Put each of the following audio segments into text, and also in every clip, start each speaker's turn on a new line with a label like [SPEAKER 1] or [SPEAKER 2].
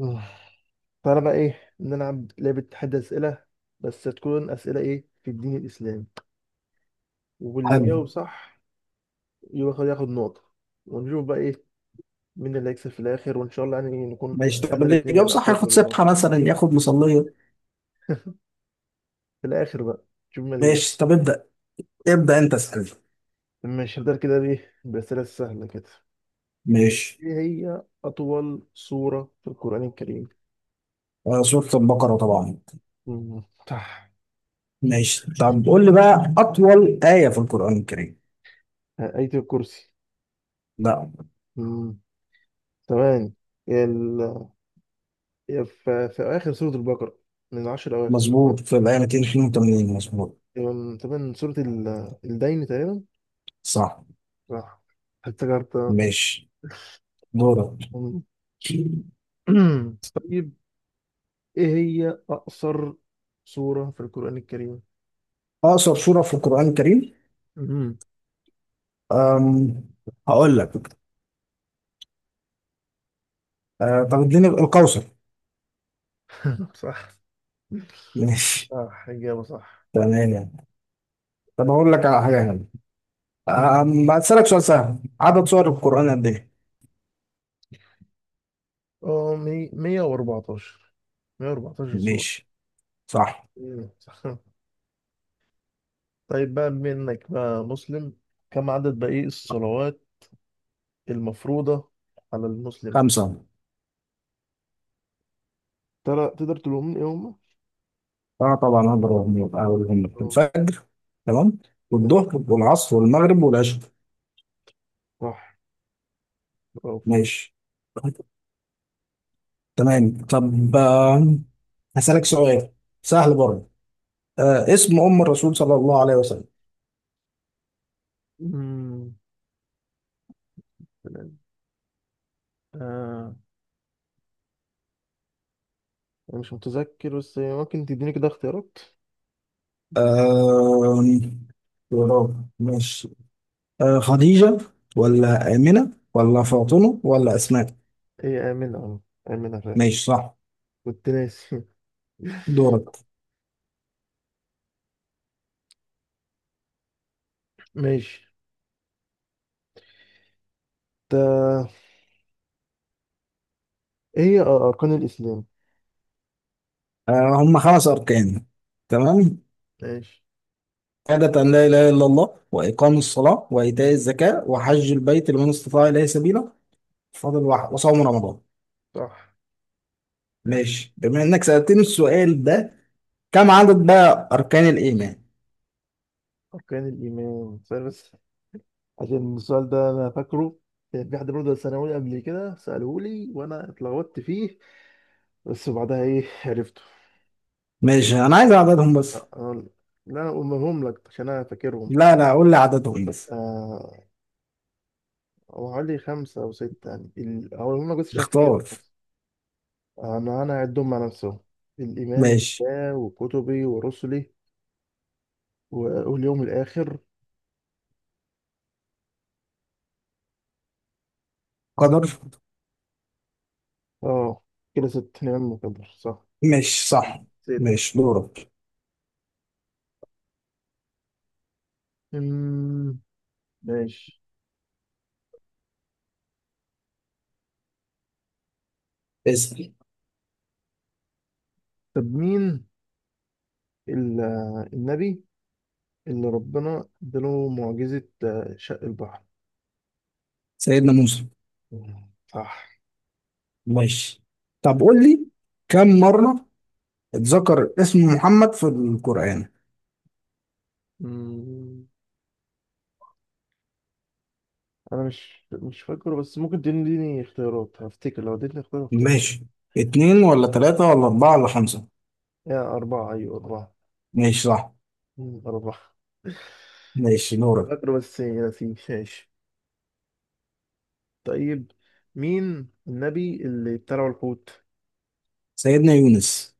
[SPEAKER 1] آه. تعالى بقى ايه نلعب لعبة تحدي أسئلة، بس تكون أسئلة ايه في الدين الإسلامي، واللي
[SPEAKER 2] حلو.
[SPEAKER 1] يجاوب صح ياخد نقطة، ونشوف بقى ايه مين اللي هيكسب في الآخر، وإن شاء الله يعني نكون
[SPEAKER 2] ماشي، طب
[SPEAKER 1] احنا
[SPEAKER 2] اللي
[SPEAKER 1] الاتنين
[SPEAKER 2] يجاوب
[SPEAKER 1] يعني
[SPEAKER 2] صح
[SPEAKER 1] أقرب
[SPEAKER 2] ياخد
[SPEAKER 1] لله
[SPEAKER 2] سبحة مثلا، ياخد مصلية.
[SPEAKER 1] في الآخر بقى، نشوف مين اللي هيكسب.
[SPEAKER 2] ماشي، طب ابدأ. ابدأ انت، اسأل.
[SPEAKER 1] ماشي، هنبدأ كده بإيه، بأسئلة سهلة كده.
[SPEAKER 2] ماشي.
[SPEAKER 1] ايه هي أطول سورة في القرآن الكريم؟
[SPEAKER 2] سورة البقرة طبعا.
[SPEAKER 1] مم، صح.
[SPEAKER 2] ماشي، طب قول لي بقى أطول آية في القرآن الكريم.
[SPEAKER 1] آية الكرسي.
[SPEAKER 2] لا،
[SPEAKER 1] مم، ثواني. ال... في آخر سورة البقرة، من العشر أواخر.
[SPEAKER 2] مظبوط، في الآية 282. مظبوط،
[SPEAKER 1] تقريباً سورة الدين تقريبا.
[SPEAKER 2] صح.
[SPEAKER 1] صح، افتكرت.
[SPEAKER 2] ماشي، دورك.
[SPEAKER 1] أم. طيب، ايه هي اقصر سورة في القرآن الكريم؟
[SPEAKER 2] أقصر سورة في القرآن الكريم؟
[SPEAKER 1] مم.
[SPEAKER 2] أم... هقول لك. أه، طب اديني الكوثر.
[SPEAKER 1] صح.
[SPEAKER 2] ماشي،
[SPEAKER 1] صح، إجابة صح.
[SPEAKER 2] تمام يعني. طب هقول لك على حاجة هنا.
[SPEAKER 1] مم.
[SPEAKER 2] هسألك سؤال سهل، عدد سور القرآن قد إيه؟
[SPEAKER 1] اه، 114. 114 سورة.
[SPEAKER 2] ماشي، صح.
[SPEAKER 1] مم. صح. طيب بقى، بما إنك بقى مسلم، كم عدد بقى إيه الصلوات المفروضة على المسلم؟
[SPEAKER 2] خمسة.
[SPEAKER 1] ترى تقدر تقولهم لي إيه هما؟
[SPEAKER 2] اه طبعا اقدر اقولهم، أقولهم لك.
[SPEAKER 1] اه.
[SPEAKER 2] الفجر. تمام،
[SPEAKER 1] آه.
[SPEAKER 2] والظهر والعصر والمغرب والعشاء.
[SPEAKER 1] صح، برافو.
[SPEAKER 2] ماشي، تمام. طب هسألك سؤال سهل برضه. آه، اسم ام الرسول صلى الله عليه وسلم؟
[SPEAKER 1] مم. آه، مش متذكر، بس ممكن تديني كده اختيارات. مم.
[SPEAKER 2] آه يا رب، ماشي. آه، خديجة ولا آمنة ولا فاطمة ولا أسماء؟
[SPEAKER 1] ايه، آمنة، اه، آمنة فعلا.
[SPEAKER 2] ماشي، صح.
[SPEAKER 1] كنت ناسي.
[SPEAKER 2] دورك.
[SPEAKER 1] ماشي. تا ايه هي أركان الإسلام.
[SPEAKER 2] آه، هم خمس أركان. تمام.
[SPEAKER 1] ماشي،
[SPEAKER 2] شهادة أن لا إله إلا الله، وإقام الصلاة، وإيتاء الزكاة، وحج البيت لمن استطاع إليه سبيلا. فاضل واحد، وصوم رمضان.
[SPEAKER 1] صح.
[SPEAKER 2] ماشي، بما إنك سألتني السؤال ده، كم عدد بقى أركان الإيمان؟
[SPEAKER 1] أركان الإيمان سؤال، بس عشان السؤال ده أنا فاكره، كان في حد برضه ثانوي قبل كده سأله لي وأنا اتلخبطت فيه، بس بعدها ايه عرفته.
[SPEAKER 2] ماشي، أنا عايز عددهم بس.
[SPEAKER 1] آه، لا أنا أقولهم لك عشان أنا فاكرهم.
[SPEAKER 2] لا لا، قول لي عددهم بس.
[SPEAKER 1] آه، هو حوالي خمسة أو ستة يعني هقولهم لك بس عشان أفتكرهم.
[SPEAKER 2] اختار.
[SPEAKER 1] أنا أعدهم مع نفسهم. الإيمان
[SPEAKER 2] ماشي.
[SPEAKER 1] بالله وكتبي ورسلي واليوم الآخر.
[SPEAKER 2] قدر.
[SPEAKER 1] آه، كده ست، نعم، مكبر صح.
[SPEAKER 2] ماشي، صح.
[SPEAKER 1] ست.
[SPEAKER 2] ماشي، دورك.
[SPEAKER 1] أمم، ماشي.
[SPEAKER 2] اسأل.
[SPEAKER 1] طب مين ال- النبي اللي ربنا اداله معجزة شق البحر.
[SPEAKER 2] سيدنا موسى.
[SPEAKER 1] مم، صح.
[SPEAKER 2] ماشي، طب قول لي، كم مرة اتذكر اسم محمد في القرآن؟
[SPEAKER 1] أمم، أنا مش فاكره، بس ممكن تديني اختيارات هفتكر، لو اديتني اختيار هفتكر.
[SPEAKER 2] ماشي، اتنين ولا تلاتة ولا أربعة ولا خمسة؟
[SPEAKER 1] يا أربعة، أيوة أربعة.
[SPEAKER 2] ماشي، صح.
[SPEAKER 1] مم، أربعة.
[SPEAKER 2] ماشي، دورك.
[SPEAKER 1] فاكره بس نسيت. ماشي، طيب، مين النبي اللي ابتلعه الحوت؟
[SPEAKER 2] سيدنا يونس.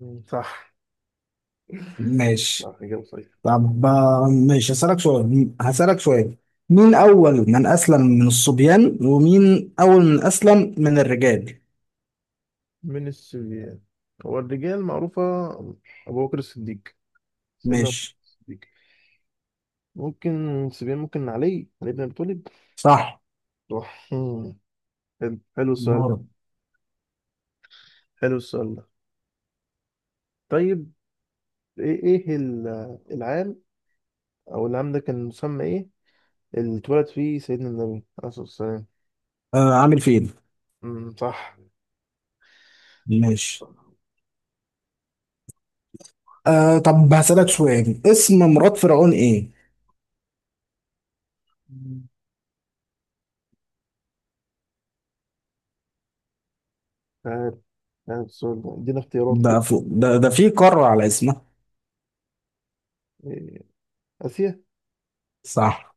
[SPEAKER 1] مم. صح.
[SPEAKER 2] ماشي،
[SPEAKER 1] لا، إجابة صحيحة.
[SPEAKER 2] طب ماشي، هسألك سؤال، مين أول من أسلم من الصبيان، ومين أول من أسلم من الرجال؟
[SPEAKER 1] من السبيان، هو الرجال معروفة، أبو بكر الصديق، سيدنا أبو بكر
[SPEAKER 2] ماشي،
[SPEAKER 1] الصديق. ممكن سبيان، ممكن علي بن أبي طالب.
[SPEAKER 2] صح.
[SPEAKER 1] صح. مم. حلو، حلو السؤال ده.
[SPEAKER 2] دورك.
[SPEAKER 1] حلو السؤال ده. طيب، إيه العام، أو العام ده كان مسمى إيه، اللي اتولد فيه سيدنا النبي عليه الصلاة والسلام؟
[SPEAKER 2] آه، عامل فين؟
[SPEAKER 1] مم، صح.
[SPEAKER 2] ماشي. طب هسألك سؤال، اسم مرات فرعون إيه؟
[SPEAKER 1] مم. عارف. عارف السؤال ده، إدينا اختيارات
[SPEAKER 2] ده
[SPEAKER 1] كده.
[SPEAKER 2] فوق ده، ده في قارة على اسمها.
[SPEAKER 1] إيه، آسيا.
[SPEAKER 2] صح.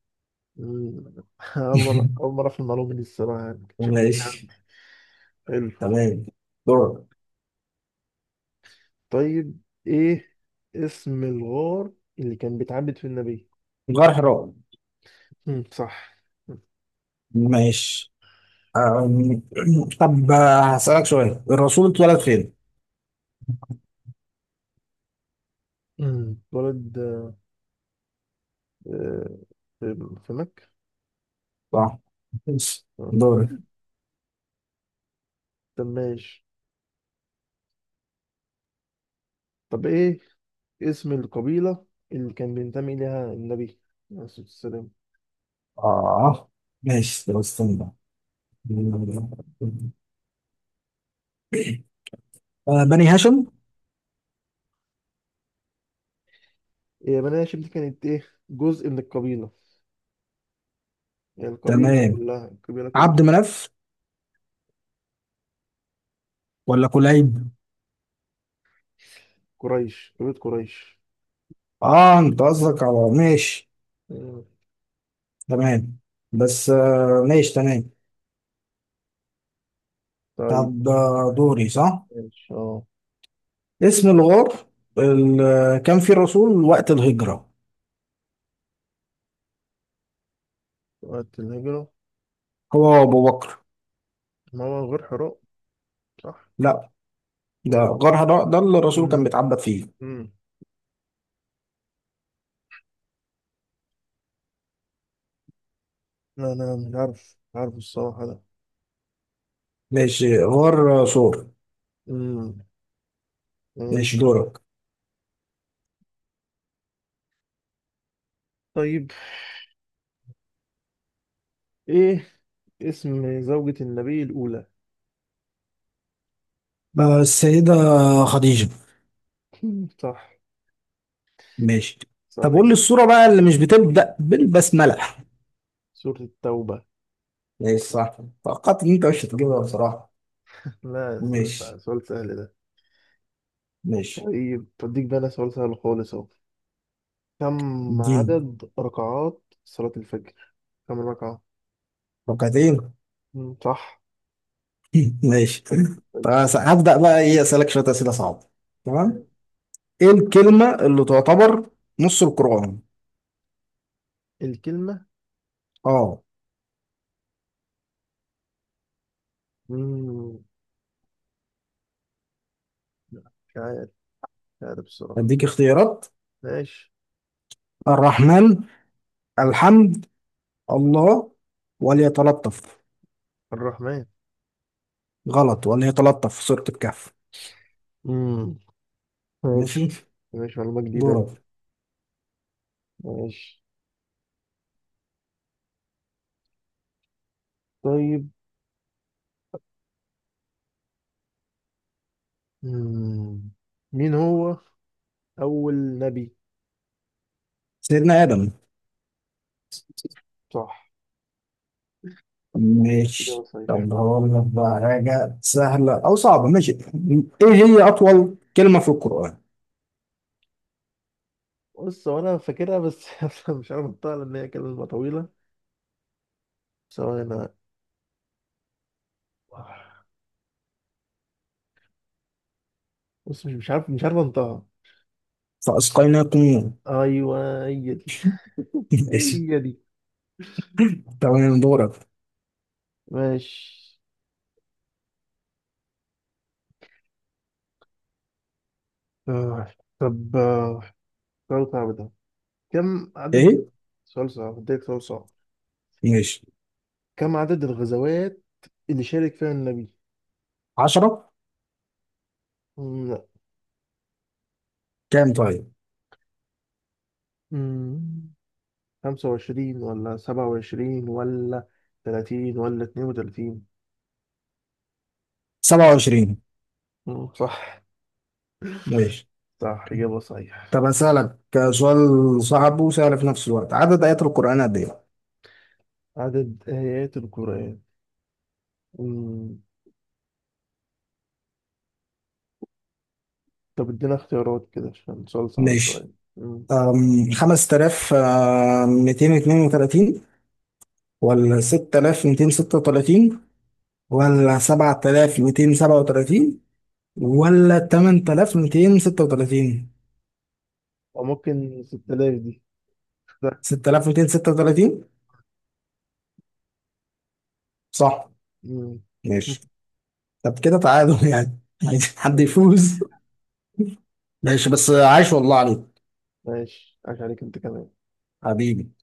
[SPEAKER 1] مم. أول مرة، أول مرة في المعلومة دي الصراحة، يعني كنتش عارف.
[SPEAKER 2] ماشي،
[SPEAKER 1] حلو.
[SPEAKER 2] تمام، دورك.
[SPEAKER 1] طيب، إيه اسم الغار اللي كان بيتعبد فيه النبي؟
[SPEAKER 2] غار حراء.
[SPEAKER 1] مم. صح.
[SPEAKER 2] ماشي، أم، طب هسألك سؤال، الرسول اتولد فين؟
[SPEAKER 1] مم. اتولد آه، في في مكة.
[SPEAKER 2] صح. ماشي،
[SPEAKER 1] آه.
[SPEAKER 2] دوري.
[SPEAKER 1] طب ماشي، طب إيه اسم القبيلة اللي كان بينتمي إليها النبي عليه الصلاة والسلام؟
[SPEAKER 2] اه، ماشي، طب استنى بقى. بني هاشم.
[SPEAKER 1] هي بني هاشم دي كانت إيه، جزء من القبيلة؟ يعني القبيلة
[SPEAKER 2] تمام،
[SPEAKER 1] كلها، القبيلة كلها.
[SPEAKER 2] عبد مناف ولا كليب؟
[SPEAKER 1] قريش، قبيلة قريش.
[SPEAKER 2] اه انت قصدك على، ماشي،
[SPEAKER 1] مم.
[SPEAKER 2] تمام. بس ماشي تمام.
[SPEAKER 1] طيب،
[SPEAKER 2] طب دوري صح؟
[SPEAKER 1] ماشي، اه،
[SPEAKER 2] اسم الغار اللي كان فيه الرسول وقت الهجرة،
[SPEAKER 1] وقت الهجرة.
[SPEAKER 2] هو أبو بكر.
[SPEAKER 1] ما هو غير حراء. صح.
[SPEAKER 2] لا، ده غار
[SPEAKER 1] غير.
[SPEAKER 2] حراء، ده اللي الرسول كان
[SPEAKER 1] مم.
[SPEAKER 2] بيتعبد فيه.
[SPEAKER 1] مم. لا، أنا مش عارف، مش عارف الصراحة ده.
[SPEAKER 2] ماشي، غار صور.
[SPEAKER 1] مم.
[SPEAKER 2] ماشي،
[SPEAKER 1] ماشي.
[SPEAKER 2] دورك.
[SPEAKER 1] طيب، إيه اسم زوجة النبي الأولى؟
[SPEAKER 2] السيدة خديجة.
[SPEAKER 1] مم. صح.
[SPEAKER 2] ماشي،
[SPEAKER 1] صح
[SPEAKER 2] طب قول لي
[SPEAKER 1] جدا.
[SPEAKER 2] الصورة بقى اللي مش بتبدأ بالبسملة.
[SPEAKER 1] سورة التوبة.
[SPEAKER 2] ماشي، صح. توقعت ان انت مش هتجيبها بصراحة.
[SPEAKER 1] لا،
[SPEAKER 2] ماشي،
[SPEAKER 1] سؤال سهل ده.
[SPEAKER 2] ماشي.
[SPEAKER 1] طيب، بديك بقى أنا سؤال سهل خالص أهو، كم
[SPEAKER 2] اديني.
[SPEAKER 1] عدد ركعات صلاة الفجر، كم ركعة؟
[SPEAKER 2] ركعتين.
[SPEAKER 1] مم. صح.
[SPEAKER 2] ماشي.
[SPEAKER 1] طيب، طيب.
[SPEAKER 2] طب هبدأ بقى ايه، اسألك شوية أسئلة صعبة. تمام،
[SPEAKER 1] طيب.
[SPEAKER 2] ايه الكلمة اللي تعتبر نص القرآن؟
[SPEAKER 1] الكلمة.
[SPEAKER 2] اه،
[SPEAKER 1] مم. لا، مش عارف، مش عارف الصراحة.
[SPEAKER 2] اديك اختيارات.
[SPEAKER 1] ماشي.
[SPEAKER 2] الرحمن، الحمد، الله، وليتلطف.
[SPEAKER 1] الرحمن.
[SPEAKER 2] غلط، ولا هي تلطف في صورة الكهف.
[SPEAKER 1] امم
[SPEAKER 2] ماشي،
[SPEAKER 1] ماشي. ماشي، معلومة جديدة دي.
[SPEAKER 2] دورك.
[SPEAKER 1] ماشي. طيب، مم. مين هو أول نبي؟
[SPEAKER 2] سيدنا آدم.
[SPEAKER 1] صح، إجابة
[SPEAKER 2] ماشي،
[SPEAKER 1] صحيحة.
[SPEAKER 2] طب هقول لك بقى حاجة سهلة أو صعبة. ماشي، إيه هي أطول كلمة في القرآن؟
[SPEAKER 1] بص، هو أنا فاكرها، بس مش عارف أنطقها لأن هي كلمة طويلة. ثواني أنا. بص، مش عارف، مش عارف أنطقها.
[SPEAKER 2] فأسقيناكم.
[SPEAKER 1] أيوه، هي دي.
[SPEAKER 2] ماشي،
[SPEAKER 1] هي دي.
[SPEAKER 2] تمام، دورك.
[SPEAKER 1] ماشي. آه، طب، سؤال صعب ده. كم عدد
[SPEAKER 2] إيه.
[SPEAKER 1] سؤال صعب، أديك سؤال صعب.
[SPEAKER 2] ماشي.
[SPEAKER 1] كم عدد الغزوات اللي شارك فيها النبي؟
[SPEAKER 2] عشرة.
[SPEAKER 1] مم، لا.
[SPEAKER 2] كام طيب؟
[SPEAKER 1] مم، 25 ولا 27 ولا 30 ولا 32.
[SPEAKER 2] سبعة وعشرين.
[SPEAKER 1] مم، صح.
[SPEAKER 2] ماشي،
[SPEAKER 1] صح، إجابة صحيح.
[SPEAKER 2] طب أسألك سؤال صعب وسهل في نفس الوقت، عدد آيات القرآن قد إيه؟
[SPEAKER 1] عدد آيات القرآن. مم، طب ادينا اختيارات كده عشان سؤال صعب شوية.
[SPEAKER 2] ماشي،
[SPEAKER 1] مم،
[SPEAKER 2] أم، 5232 ولا 6236 ولا 7237 ولا 8236؟
[SPEAKER 1] أو ممكن 6000 دي.
[SPEAKER 2] 6236. صح.
[SPEAKER 1] مم،
[SPEAKER 2] ماشي، طب كده تعادل يعني. عايز حد يفوز. ماشي، بس عايش والله عليك.
[SPEAKER 1] ماشي، عاش عليك أنت كمان.
[SPEAKER 2] حبيبي.